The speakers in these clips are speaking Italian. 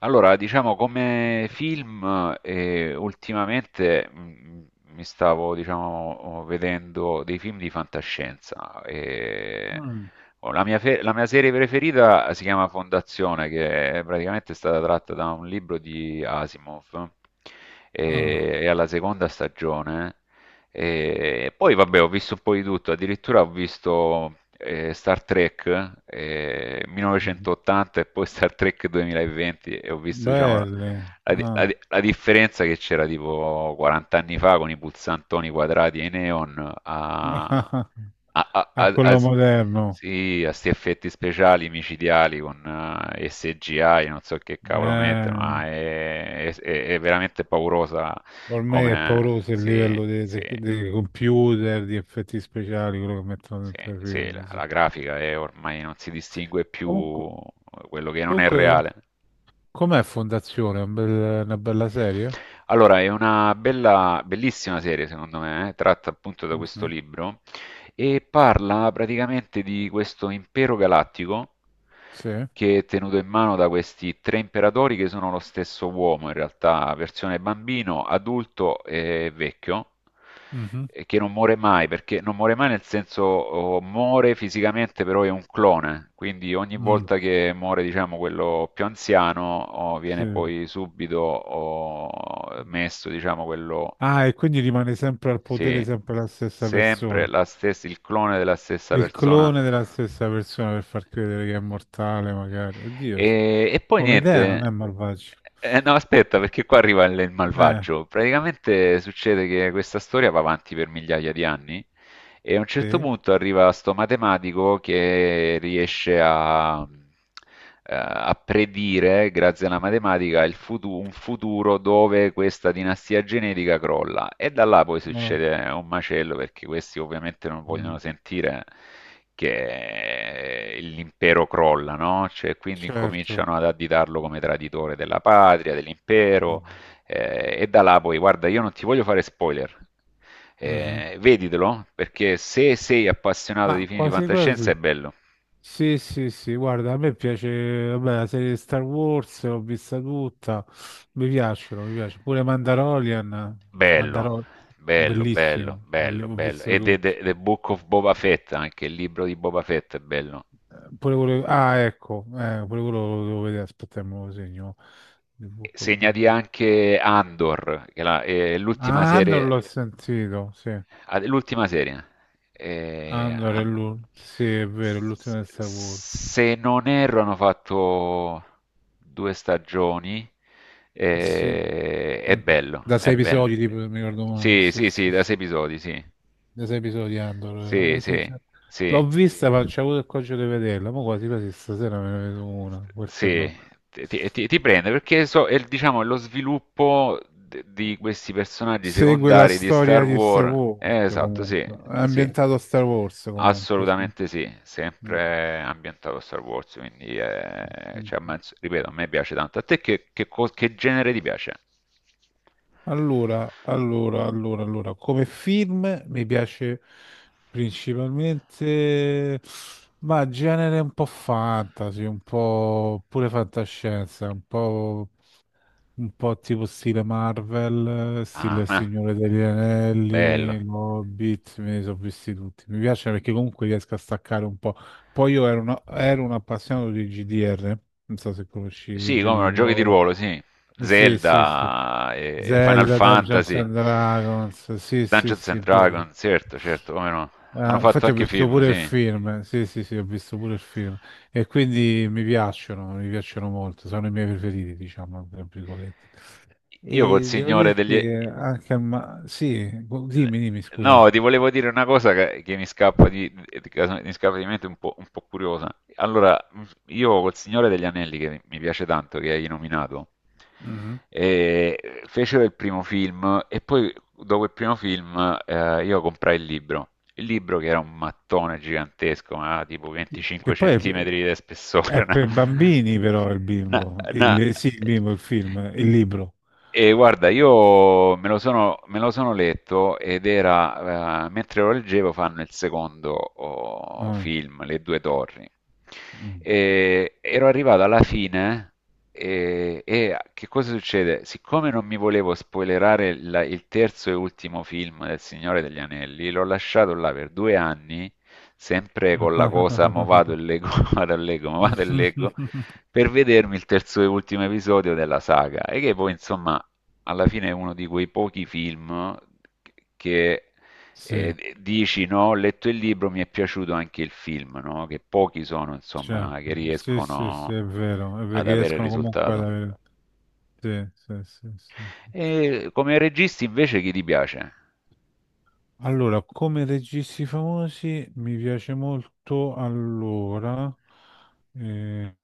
Allora, diciamo come film, ultimamente mi stavo, diciamo, vedendo dei film di fantascienza. E Mm, la mia serie preferita si chiama Fondazione, che è praticamente stata tratta da un libro di Asimov. ah, E, è alla seconda stagione e poi vabbè, ho visto un po' di tutto, addirittura ho visto Star Trek 1980 e poi Star Trek 2020 e ho visto, diciamo, la, belle. la di- la Ah. di- la differenza che c'era tipo 40 anni fa con i pulsantoni quadrati e i neon a, a, a- A a- a- quello moderno. sì, a sti effetti speciali micidiali con SGI, non so che cavolo mettono, Eh, ma è veramente paurosa Ormai è come... pauroso il Sì, livello sì. Dei computer, di effetti speciali, quello che mettono Sì, dentro i sì, film. la, Sì. la grafica è ormai non si distingue più, Comunque, quello che non è reale. comunque, com'è Fondazione? Una bella serie? Allora, è una bella, bellissima serie, secondo me, tratta appunto da questo Mhm. libro e parla praticamente di questo impero galattico Sì. che è tenuto in mano da questi tre imperatori che sono lo stesso uomo, in realtà, versione bambino, adulto e vecchio, Mhm, e che non muore mai, perché non muore mai nel senso, oh, muore fisicamente, però è un clone, quindi ogni mm, volta che muore, diciamo, quello più anziano, oh, viene sì. poi subito, oh, messo, diciamo, quello. Ah, e quindi rimane sempre al potere Sì, sempre la stessa sempre persona. la stessa, il clone della stessa Il persona. clone della stessa persona per far credere che è mortale, magari. Oddio, E poi come idea non niente. è malvagio. No, aspetta, perché qua arriva il Eh, malvagio. Praticamente succede che questa storia va avanti per migliaia di anni e a un certo sì, punto arriva sto matematico che riesce a predire, grazie alla matematica, un futuro dove questa dinastia genetica crolla. E da là poi no, succede un macello perché questi ovviamente non vogliono mm, sentire che l'impero crolla, no? Cioè, quindi certo. incominciano ad additarlo come traditore della patria, Mm, dell'impero, e da là poi, guarda, io non ti voglio fare spoiler. mhm. Veditelo, perché se sei appassionato di Ma film di quasi fantascienza è quasi. bello. Sì, sì, sì, guarda, a me piace, vabbè, la serie di Star Wars l'ho vista tutta, mi piace. Pure Mandalorian, Bello, Mandalorian, bello, bello, bellissimo, bello, ho bello. visto E The, tutto. The- The Book of Boba Fett, anche il libro di Boba Fett è bello. Pure quello... Ah, ecco, pure quello lo devo vedere, aspetta, me lo segno. The Book of- Segnati anche Andor, che è l'ultima Ah, Andor serie, l'ho sentito, sì. ah, l'ultima serie. Eh, Andor è han- l'ultimo, sì, è vero, è s- l'ultimo di s- Star Wars. se non erro, hanno fatto due stagioni. Sì, È sì. bello, Da è sei bello. episodi, tipo, se mi ricordo male. Sì, Sì, sì, sì, sì, da sì. sei episodi, sì. Da sei episodi Andor. Sì, Sì, sì, cioè, l'ho sì. vista, ma c'è avuto il coraggio di vederla, ma quasi quasi stasera me ne vedo una, perché Sì, no? ti prende, perché diciamo, è lo sviluppo di questi personaggi Segue la secondari di Star storia di Star Wars. Wars, Esatto, sì, comunque. È sì, ambientato a Star Wars, comunque, sì. assolutamente sì, Mm. sempre ambientato a Star Wars, quindi, cioè, Mhm. Ripeto, a me piace tanto. A te che genere ti piace? Allora, come film mi piace principalmente, ma genere un po' fantasy, un po' pure fantascienza, un po' tipo stile Marvel, stile Ah, Il ah, Signore degli bello. Anelli, Hobbit, me ne sono visti tutti. Mi piace perché comunque riesco a staccare un po'. Poi ero un appassionato di GDR, non so se conosci i Sì, giochi come di no, giochi di ruolo. ruolo, sì. Sì, sì, sì. Zelda, Final Zelda, Dungeons Fantasy, and Dragons, sì, sì, Dungeons and sì, pure... Dragons, certo, certo, come no. Hanno fatto infatti ho anche visto film, pure il sì. film, sì, sì, sì, ho visto pure il film e quindi mi piacciono molto, sono i miei preferiti, diciamo, tra virgolette. Io col E devo Signore dirti degli che anche sì, dimmi, dimmi, scusami. No, ti volevo dire una cosa che mi scappa di mente un po' curiosa. Allora, io col Signore degli Anelli, che mi piace tanto, che hai nominato, Mhm. Fecero il primo film e poi dopo il primo film, io comprai il libro. Il libro che era un mattone gigantesco, ma tipo 25 Che poi è, centimetri di spessore, È per bambini però una- una- sì, il film, il libro. e guarda, io me lo sono letto ed era, mentre lo leggevo, fanno il secondo, oh, Ah, film, Le due torri. mm. E ero arrivato alla fine e che cosa succede? Siccome non mi volevo spoilerare il terzo e ultimo film del Signore degli Anelli, l'ho lasciato là per 2 anni, sempre con la cosa, mo vado e leggo, mo vado e leggo, mo vado e leggo per vedermi il terzo e ultimo episodio della saga. E che poi insomma alla fine è uno di quei pochi film che, Sì, dici, no, ho letto il libro, mi è piaciuto anche il film, no? Che pochi sono, insomma, che certo, sì, sì, sì, riescono è vero, è ad perché avere il riescono comunque ad risultato. avere... Sì, sì, sì, sì, sì. E come registi invece chi ti piace? Allora, come registi famosi mi piace molto, allora, eh,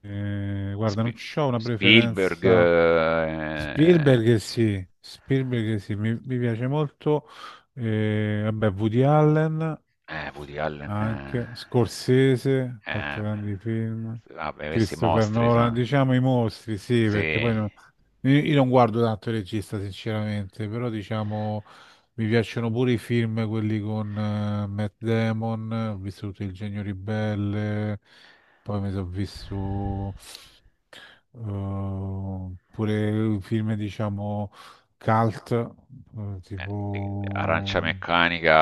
guarda, non Spi- c'ho una Spielberg, preferenza. Spielberg sì, mi piace molto, vabbè, Woody Allen Woody Allen, anche, Scorsese, ha eh, fatto grandi film, vabbè, questi Christopher mostri Nolan, sono. diciamo i mostri, sì, perché poi Sì. no- io non guardo tanto il regista sinceramente, però diciamo mi piacciono pure i film, quelli con Matt Damon, ho visto tutto Il Genio Ribelle, poi mi sono visto oppure film, diciamo, cult, Arancia tipo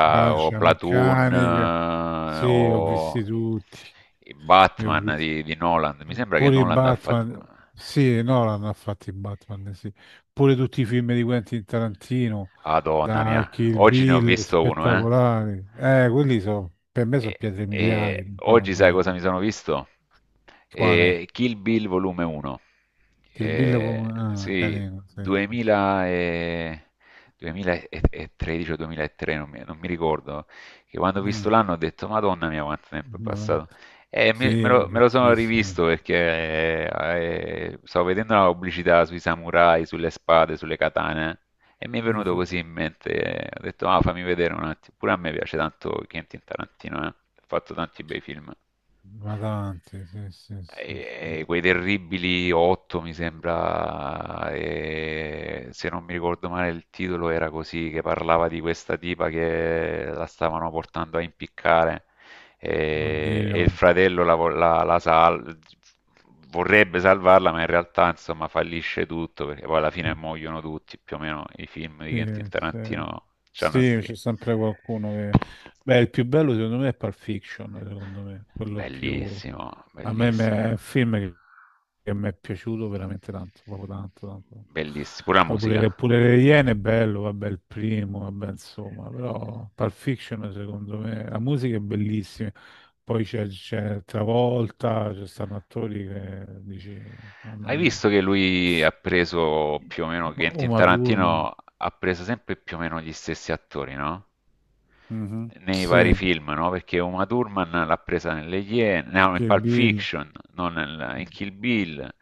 mia, o Arancia Platoon, Meccanica. Sì, ho o visti tutti. i Li ho Batman visti. di Nolan. Mi sembra che Pure i Nolan ha fatto... Batman. Sì, Nolan ha fatto i Batman, sì. Pure tutti i film di Quentin Tarantino, Madonna mia, da Kill oggi ne ho Bill, visto uno, eh. spettacolari. Quelli sono, per me sono E, pietre miliari, e poi non oggi sai vedo cosa mi sono visto? quale. Kill Bill volume 1. Kill Bill è pure Eh, ah, sì, carino, sì, sì, sì. 2000 e- 2013 o 2003, non mi ricordo, che quando ho visto Mm, l'anno ho detto, Madonna mia, quanto tempo è Madonna. passato. E me, Sì, me è lo, me lo sono vecchissimo. rivisto perché, stavo vedendo una pubblicità sui samurai, sulle spade, sulle katane e mi è venuto Mhm. così in mente, ho detto, ah, fammi vedere un attimo, pure a me piace tanto Quentin Tarantino, eh. Ha fatto tanti bei film. Ma tanti, sì, sì, sì, sì. E quei terribili otto, mi sembra, e se non mi ricordo male il titolo era così, che parlava di questa tipa che la stavano portando a impiccare, e Oddio. il fratello la, vo- la- la sal- vorrebbe salvarla, ma in realtà insomma fallisce tutto perché poi alla fine muoiono tutti, più o meno i film di Quentin Sì, sì. Tarantino c'hanno Sì, sti... c'è sempre qualcuno che... Beh, il più bello secondo me è Pulp Fiction, secondo me, quello più... Bellissimo, bellissimo, È un film che mi è piaciuto veramente tanto, proprio tanto, tanto. bellissimo, pure la Poi musica. Pure Le Iene è bello, vabbè, il primo, vabbè, insomma, però Pulp Fiction secondo me, la musica è bellissima, poi c'è Travolta, ci stanno attori che dici, mamma Hai mia, visto che lui ha preso più o meno, Quentin Uma Thurman. Tarantino ha preso sempre più o meno gli stessi attori, no? Mhm. Nei vari Sì. film, no? Perché Uma Thurman l'ha presa nelle Iene, no, in Che Pulp bello. Fiction, non in Kill Bill.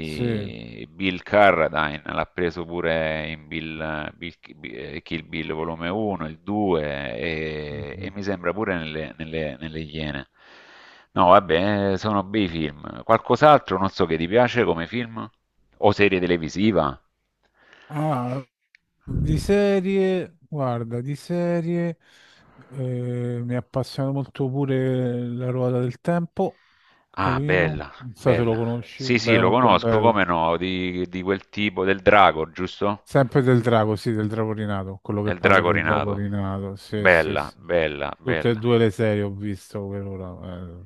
Sì. Bill Carradine l'ha preso pure in Kill Bill volume 1, il 2, e Mhm. mi sembra pure nelle Iene. No, vabbè, sono bei film. Qualcos'altro, non so che ti piace come film? O serie televisiva? Ah, di serie, guarda, di serie mi appassiona molto pure La ruota del tempo, Ah, carino, bella, non so se lo bella. conosci, Sì, sì, beh, lo molto conosco, bello. come no, di quel tipo del drago, giusto? Sempre del drago, sì, del drago rinato, quello che Nel parla drago del drago rinato. rinato, sì, sì, Bella, sì. bella, Tutte e bella. due le serie ho visto per ora,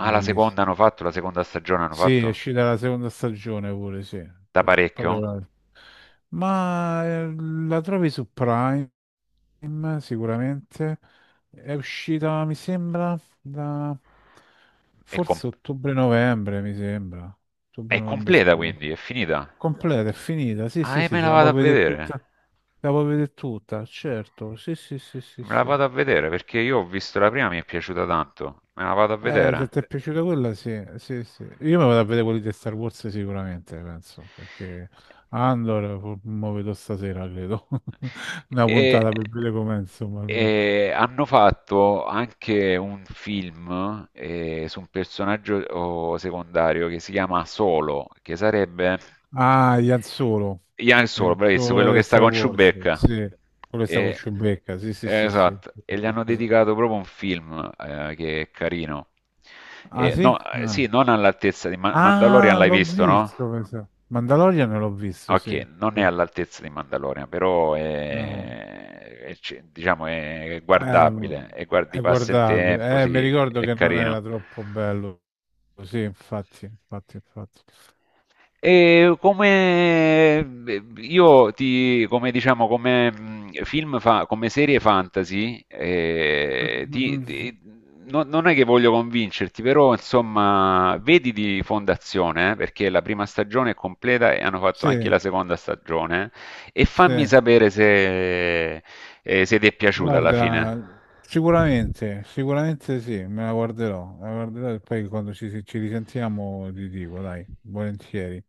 Ah, la seconda stagione hanno Sì, è fatto? uscita la seconda stagione pure, sì. Da Sì. Parecchio? Ma la trovi su Prime, sicuramente. È uscita, mi sembra, da È, com- forse ottobre-novembre, mi sembra. è Ottobre-novembre completa scorso. quindi, è finita. Completa, è finita. Sì, Ah, sì, e sì, me te la la vado a puoi vedere vedere. tutta. Te la puoi vedere tutta, certo. Sì, sì, sì, sì, Me la sì. vado a vedere perché io ho visto la prima, mi è piaciuta tanto. Me la vado a Se vedere. ti è piaciuta quella, sì, sì, sì. Io mi vado a vedere quelli di Star Wars sicuramente, penso, perché mo vedo stasera, credo. Una E, puntata per vedere com'è, insomma, almeno. e hanno fatto anche un film, su un personaggio, oh, secondario che si chiama Solo, che sarebbe Ah, Ian Solo. Ian Solo, Ian bravissimo, quello Solo che di sta Star con Wars, Chewbacca. sì. Quello che sta con E, Chewbacca, sì, sì, eh, sì, sì. esatto, e gli hanno dedicato proprio un film, che è carino. Ah, E, sì? no, sì, Ah, non all'altezza di Mandalorian, ah, l'hai l'ho visto, no? visto, penso. Mandalorian l'ho visto, sì. Okay, non è Sì. all'altezza di Mandalorian, però No. È c diciamo è Eh, guardabile e guardi è passa il tempo, guardabile. Mi sì, ricordo è che non carino. era troppo bello. Sì, infatti, infatti, infatti. E come, io ti, come diciamo, come film fa, come serie fantasy, non è che voglio convincerti, però insomma, vedi di Fondazione, perché la prima stagione è completa e hanno fatto Sì, anche la seconda stagione, e fammi sì. sapere se ti è piaciuta alla fine. Guarda, sicuramente, sicuramente sì, me la guarderò. Me la guarderò e poi quando ci risentiamo ti dico, dai, volentieri.